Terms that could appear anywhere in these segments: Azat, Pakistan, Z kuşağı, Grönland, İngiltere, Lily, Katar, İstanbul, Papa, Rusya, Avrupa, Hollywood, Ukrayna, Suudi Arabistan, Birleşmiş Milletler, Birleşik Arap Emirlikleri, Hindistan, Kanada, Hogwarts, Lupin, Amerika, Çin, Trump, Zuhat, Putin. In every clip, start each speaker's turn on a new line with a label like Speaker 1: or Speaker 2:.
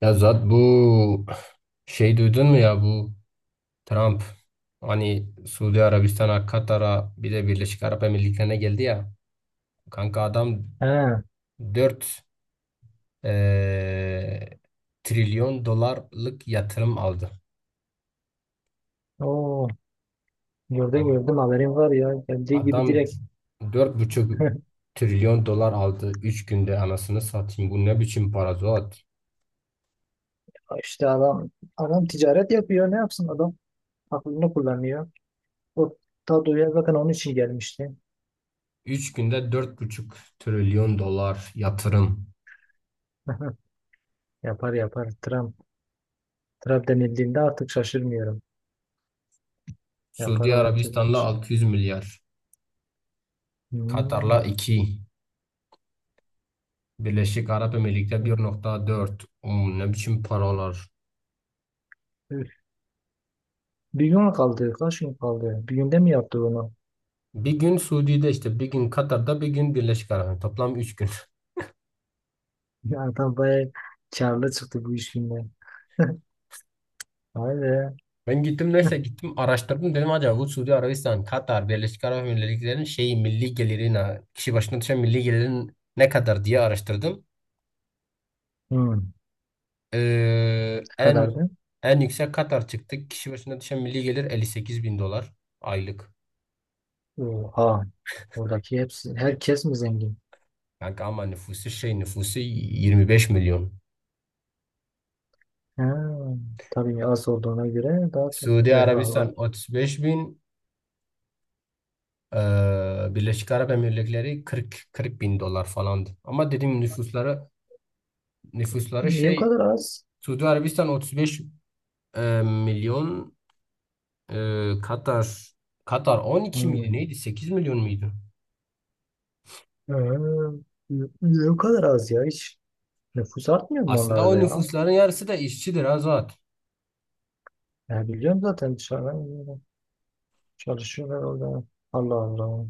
Speaker 1: Ya zaten bu şey, duydun mu ya? Bu Trump, hani, Suudi Arabistan'a, Katar'a bir de Birleşik Arap Emirlikleri'ne geldi ya. Kanka adam
Speaker 2: He,
Speaker 1: 4 eee, trilyon dolarlık yatırım aldı.
Speaker 2: o gördüm
Speaker 1: Yani
Speaker 2: gördüm, haberim var ya, geldiği gibi
Speaker 1: adam
Speaker 2: direkt.
Speaker 1: dört buçuk trilyon dolar aldı 3 günde, anasını satayım. Bu ne biçim para, Zuhat?
Speaker 2: işte adam adam ticaret yapıyor, ne yapsın adam, aklını kullanıyor. O Tadoya zaten onun için gelmişti.
Speaker 1: Üç günde 4,5 trilyon dolar yatırım.
Speaker 2: Yapar yapar Trump. Trump denildiğinde artık şaşırmıyorum. Yapar
Speaker 1: Suudi
Speaker 2: o her türlü
Speaker 1: Arabistan'la
Speaker 2: iş.
Speaker 1: 600 milyar. Katar'la
Speaker 2: Hmm.
Speaker 1: iki, Birleşik Arap Emirlikleri 1,4. Ne biçim paralar.
Speaker 2: Üf, bir gün kaldı, kaç gün kaldı, bir günde mi yaptı bunu?
Speaker 1: Bir gün Suudi'de işte, bir gün Katar'da, bir gün Birleşik Arap. Toplam 3 gün.
Speaker 2: Ya adam bayağı karlı çıktı bu işinden. Vay be.
Speaker 1: Ben gittim, neyse gittim araştırdım, dedim acaba bu Suudi Arabistan, Katar, Birleşik Arap Emirlikleri'nin şeyi, milli gelirin kişi başına düşen milli gelirin ne kadar diye araştırdım.
Speaker 2: Hmm. Ne
Speaker 1: Ee, en
Speaker 2: kadardı?
Speaker 1: en yüksek Katar çıktı. Kişi başına düşen milli gelir 58 bin dolar aylık.
Speaker 2: Oha. Oradaki hepsi, herkes mi zengin?
Speaker 1: Kanka ama nüfusu 25 milyon.
Speaker 2: Ha, tabii az olduğuna göre daha çok
Speaker 1: Suudi
Speaker 2: refah
Speaker 1: Arabistan
Speaker 2: var.
Speaker 1: 35 bin. Birleşik Arap Emirlikleri 40 bin dolar falandı. Ama dediğim nüfusları nüfusları
Speaker 2: Niye bu
Speaker 1: şey
Speaker 2: kadar az?
Speaker 1: Suudi Arabistan 35 milyon, e, Katar Katar 12 miydi
Speaker 2: Hmm.
Speaker 1: neydi, 8 milyon muydu?
Speaker 2: Ha, niye bu kadar az ya? Hiç nüfus artmıyor mu
Speaker 1: Aslında
Speaker 2: onlarda
Speaker 1: o
Speaker 2: ya?
Speaker 1: nüfusların yarısı da işçidir, Azat.
Speaker 2: Ya biliyorum, zaten dışarıdan geliyorlar, çalışıyorlar orada. Allah Allah.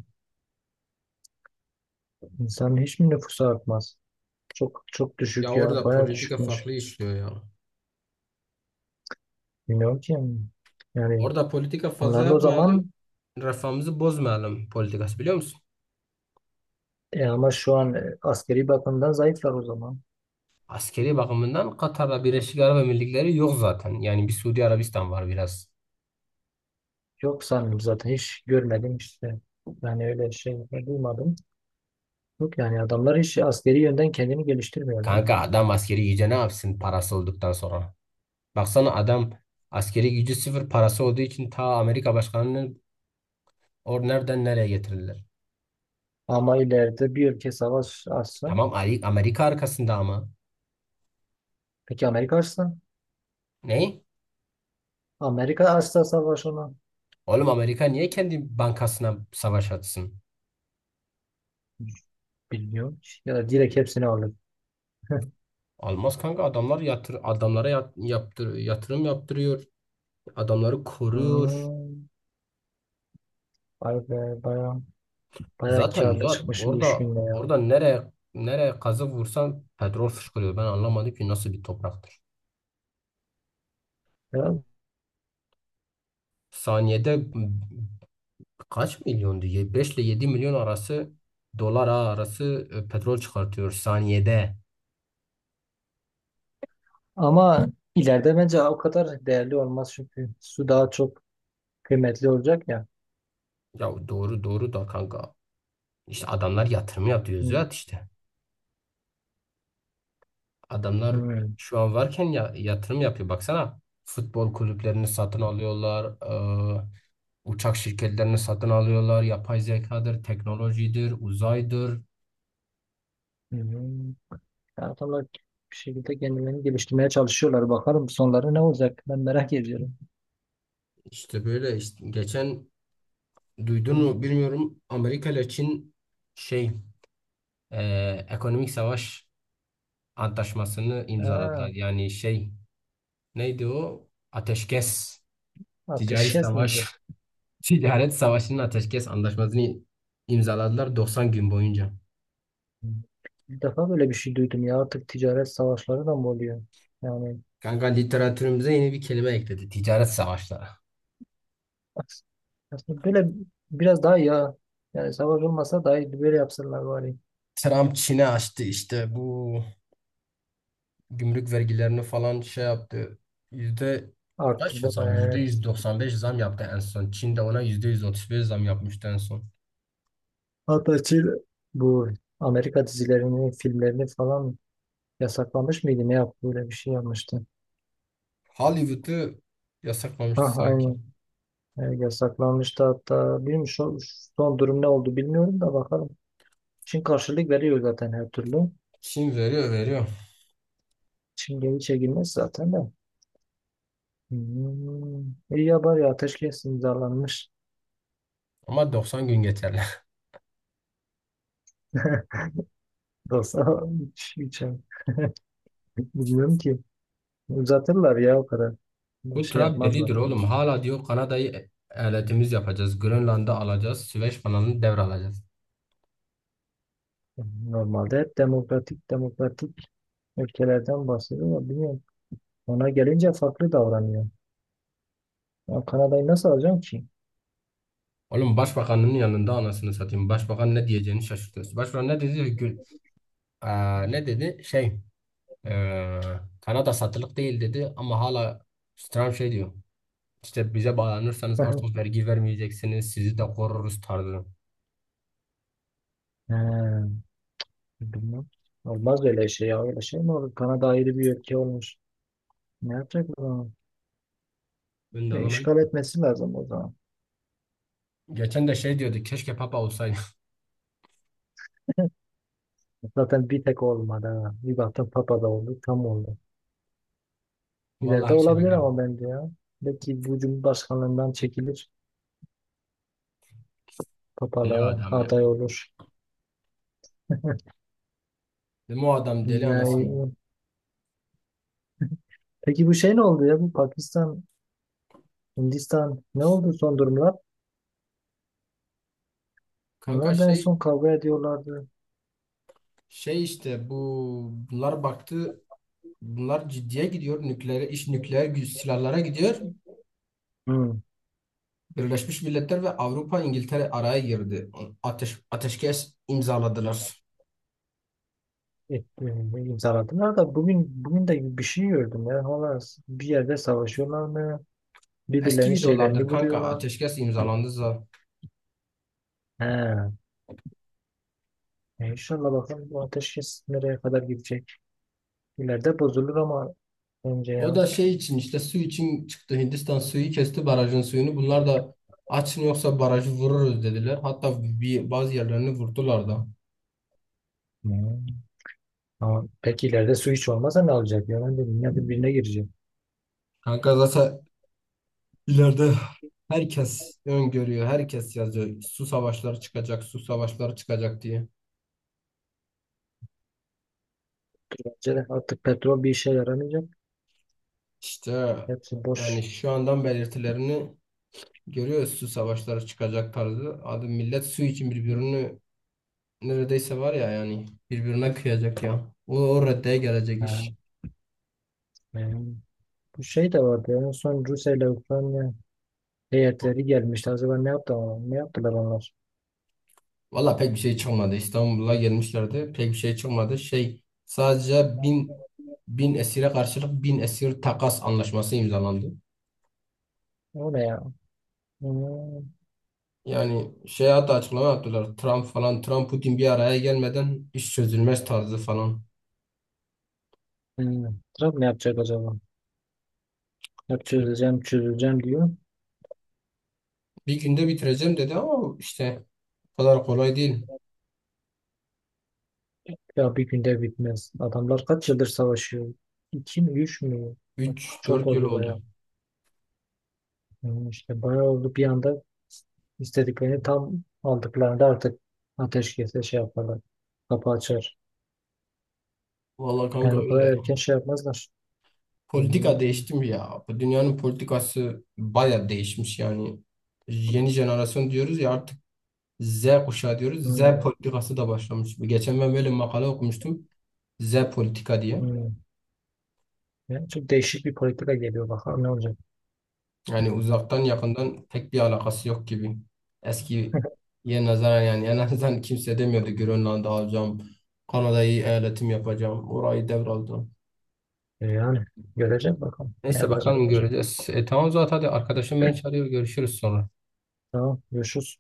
Speaker 2: İnsanın hiç mi nüfusu artmaz? Çok çok
Speaker 1: Ya
Speaker 2: düşük ya.
Speaker 1: orada
Speaker 2: Baya
Speaker 1: politika
Speaker 2: düşükmüş.
Speaker 1: farklı işliyor ya.
Speaker 2: Bilmiyorum ki. Yani
Speaker 1: Orada politika fazla
Speaker 2: onların o
Speaker 1: yapmayalım.
Speaker 2: zaman,
Speaker 1: Refahımızı bozmayalım politikası, biliyor musun?
Speaker 2: ama şu an, askeri bakımdan zayıflar o zaman.
Speaker 1: Askeri bakımından Katar'la Birleşik Arap Emirlikleri yok zaten. Yani bir Suudi Arabistan var biraz.
Speaker 2: Yok sanırım, zaten hiç görmedim işte. Yani öyle şey duymadım. Yok yani adamlar hiç askeri yönden kendini geliştirmiyorlar.
Speaker 1: Kanka adam askeri güce ne yapsın parası olduktan sonra? Baksana adam askeri gücü sıfır, parası olduğu için ta Amerika başkanını nereden nereye getirdiler.
Speaker 2: Ama ileride bir ülke savaş açsa,
Speaker 1: Tamam, Amerika arkasında ama.
Speaker 2: peki Amerika açsa?
Speaker 1: Ne?
Speaker 2: Amerika açsa savaş ona.
Speaker 1: Oğlum Amerika niye kendi bankasına savaş atsın?
Speaker 2: Bilmiyorum ki. Ya da direkt hepsini alır.
Speaker 1: Olmaz kanka, adamlar adamlara yatırım yaptırıyor. Adamları koruyor.
Speaker 2: Hmm, vay be. Baya baya
Speaker 1: Zaten
Speaker 2: karlı
Speaker 1: zaten
Speaker 2: çıkmış bu iş
Speaker 1: orada
Speaker 2: günde ya.
Speaker 1: orada nereye kazık vursan petrol fışkırıyor. Ben anlamadım ki nasıl bir topraktır.
Speaker 2: Ya,
Speaker 1: Saniyede kaç milyon diye, 5 ile 7 milyon arası dolar arası petrol çıkartıyor saniyede.
Speaker 2: ama ileride bence o kadar değerli olmaz, çünkü su daha çok kıymetli olacak ya.
Speaker 1: Ya doğru doğru da kanka. İşte adamlar yatırım yapıyor,
Speaker 2: Hmm,
Speaker 1: Züat, işte. Adamlar
Speaker 2: hmm,
Speaker 1: şu an varken ya, yatırım yapıyor. Baksana, futbol kulüplerini satın alıyorlar. e, Uçak şirketlerini satın alıyorlar. Yapay zekadır, teknolojidir, uzaydır.
Speaker 2: hmm. Yani adamlar bir şekilde kendilerini geliştirmeye çalışıyorlar. Bakalım sonları ne olacak? Ben merak ediyorum.
Speaker 1: İşte böyle işte, geçen duydun
Speaker 2: Hı.
Speaker 1: mu bilmiyorum, Amerika ile Çin şey e, ekonomik savaş antlaşmasını imzaladılar.
Speaker 2: Ha,
Speaker 1: Yani neydi o? Ateşkes. Ticari
Speaker 2: ateşkes mi
Speaker 1: savaş,
Speaker 2: bu?
Speaker 1: ticaret savaşının ateşkes antlaşmasını imzaladılar 90 gün boyunca.
Speaker 2: Hı. İlk defa böyle bir şey duydum ya. Artık ticaret savaşları da mı oluyor? Yani
Speaker 1: Kanka, literatürümüze yeni bir kelime ekledi. Ticaret savaşları.
Speaker 2: as- aslında böyle biraz daha ya. Yani savaş olmasa dahi böyle yapsalar bari.
Speaker 1: Trump Çin'e açtı işte, bu gümrük vergilerini falan şey yaptı. Yüzde kaç
Speaker 2: Arttırdı
Speaker 1: zam?
Speaker 2: bayağı.
Speaker 1: Yüzde
Speaker 2: Evet.
Speaker 1: 195 zam yaptı en son. Çin de ona %135 zam yapmıştı en son.
Speaker 2: Hatta Çin bu Amerika dizilerini, filmlerini falan yasaklamış mıydı? Ne yaptı? Böyle bir şey yapmıştı.
Speaker 1: Hollywood'u yasaklamıştı
Speaker 2: Ha,
Speaker 1: sanki.
Speaker 2: aynen. Evet, yasaklanmıştı hatta. Bilmiyorum, son durum ne oldu bilmiyorum da bakalım. Çin karşılık veriyor zaten her türlü.
Speaker 1: Çin veriyor veriyor.
Speaker 2: Çin geri çekilmez zaten de. Hmm. İyi ya bari ateşkes imzalanmış.
Speaker 1: Ama 90 gün geçerli.
Speaker 2: Yoksa hiç şey, bilmiyorum ki. Uzatırlar ya o kadar. Bir
Speaker 1: Bu
Speaker 2: şey
Speaker 1: Trump
Speaker 2: yapmazlar.
Speaker 1: delidir oğlum. Hala diyor Kanada'yı eyaletimiz yapacağız. Grönland'ı alacağız. Süveyş kanalını devralacağız.
Speaker 2: Normalde hep demokratik demokratik ülkelerden bahsediyor ama bilmiyorum. Ona gelince farklı davranıyor. Ya Kanada'yı nasıl alacağım ki?
Speaker 1: Oğlum, başbakanın yanında anasını satayım. Başbakan ne diyeceğini şaşırtıyorsun. Başbakan ne dedi? Gül, ne dedi? Eee, Kanada satılık değil dedi, ama hala Trump şey diyor. İşte bize bağlanırsanız artık vergi vermeyeceksiniz. Sizi de koruruz tarzı.
Speaker 2: He. Bilmem. Olmaz öyle şey ya. Öyle şey mi olur? Kanada ayrı bir ülke olmuş. Ne yapacak o zaman?
Speaker 1: Ben de anlamadım.
Speaker 2: İşgal etmesi lazım o zaman.
Speaker 1: Geçen de şey diyordu, keşke Papa olsaydı.
Speaker 2: Zaten bir tek olmadı ha. Bir baktım Papa da oldu. Tam oldu.
Speaker 1: Vallahi
Speaker 2: İleride
Speaker 1: her şey
Speaker 2: olabilir
Speaker 1: bilirim.
Speaker 2: ama bence ya. Belki bu cumhurbaşkanlığından çekilir.
Speaker 1: Deli
Speaker 2: Papalığa
Speaker 1: adam ya.
Speaker 2: aday olur.
Speaker 1: Dedim o adam deli, anasını.
Speaker 2: Yani, peki bu şey ne oldu ya? Bu Pakistan, Hindistan ne oldu son durumlar?
Speaker 1: Kanka,
Speaker 2: Bunlar da en son kavga ediyorlardı.
Speaker 1: işte bunlar baktı, bunlar ciddiye gidiyor, nükleer silahlara gidiyor.
Speaker 2: Hı.
Speaker 1: Birleşmiş Milletler ve Avrupa, İngiltere araya girdi. Ateşkes imzaladılar.
Speaker 2: e, imzaladılar da, bugün de bir şey gördüm ya. Hala bir yerde savaşıyorlar mı?
Speaker 1: Eski
Speaker 2: Birbirlerinin şeylerini
Speaker 1: videolardır kanka,
Speaker 2: vuruyorlar.
Speaker 1: ateşkes imzalandı za.
Speaker 2: He. İnşallah bakalım bu ateşkes nereye kadar gidecek. İleride bozulur ama önce
Speaker 1: O
Speaker 2: ya.
Speaker 1: da şey için işte su için çıktı. Hindistan suyu kesti, barajın suyunu. Bunlar da açın yoksa barajı vururuz dediler. Hatta bazı yerlerini vurdular da.
Speaker 2: Hmm. Ama peki ileride su hiç olmazsa ne olacak? Yani dünya birbirine girecek.
Speaker 1: Kanka zaten, İleride herkes öngörüyor, herkes yazıyor. Su savaşları çıkacak, su savaşları çıkacak diye.
Speaker 2: Bence de artık petrol bir işe yaramayacak.
Speaker 1: İşte
Speaker 2: Hepsi
Speaker 1: yani
Speaker 2: boş.
Speaker 1: şu andan belirtilerini görüyoruz. Su savaşları çıkacak tarzı. Abi millet su için birbirini neredeyse var ya yani birbirine kıyacak ya. O reddeye gelecek
Speaker 2: Ha,
Speaker 1: iş.
Speaker 2: benim- bu şey de vardı. Ya, en son Rusya ile Ukrayna heyetleri gelmişti. Acaba ne yaptı, ne yaptılar onlar?
Speaker 1: Valla pek bir şey çıkmadı. İstanbul'a gelmişlerdi. Pek bir şey çıkmadı. Sadece bin esire karşılık bin esir takas anlaşması imzalandı.
Speaker 2: O ne ya? Hmm.
Speaker 1: Yani hatta açıklama yaptılar. Trump falan, Trump Putin bir araya gelmeden iş çözülmez tarzı falan.
Speaker 2: Hmm. Trump ne yapacak acaba? Hep
Speaker 1: Bir,
Speaker 2: çözeceğim, çözeceğim diyor.
Speaker 1: bir günde bitireceğim dedi ama işte o kadar kolay değil.
Speaker 2: Ya bir günde bitmez. Adamlar kaç yıldır savaşıyor? İki mi, üç mü? Bak,
Speaker 1: Üç
Speaker 2: çok
Speaker 1: dört yıl
Speaker 2: oldu
Speaker 1: oldu.
Speaker 2: bayağı. Hmm, işte bayağı oldu. Bir anda istediklerini tam aldıklarında artık ateşkese şey yaparlar. Kapı açar.
Speaker 1: Vallahi kanka
Speaker 2: Yani o kadar
Speaker 1: öyle.
Speaker 2: erken şey yapmazlar.
Speaker 1: Politika
Speaker 2: Hmm.
Speaker 1: değişti mi ya? Bu dünyanın politikası baya değişmiş yani. Yeni jenerasyon diyoruz ya artık, Z kuşağı diyoruz. Z
Speaker 2: Hmm.
Speaker 1: politikası da başlamış. Geçen ben böyle makale okumuştum, Z politika diye.
Speaker 2: Hmm. Yani çok değişik bir politika geliyor. Bakalım ne olacak.
Speaker 1: Yani uzaktan yakından pek bir alakası yok gibi. Eski Eskiye nazaran yani, en azından kimse demiyordu Grönland'ı alacağım, Kanada'yı eyaletim yapacağım, orayı devraldım.
Speaker 2: Yani göreceğiz bakalım ne
Speaker 1: Neyse bakalım
Speaker 2: yapacaklar.
Speaker 1: göreceğiz. Tamam zaten, hadi arkadaşım beni çağırıyor. Görüşürüz sonra.
Speaker 2: Tamam, görüşürüz.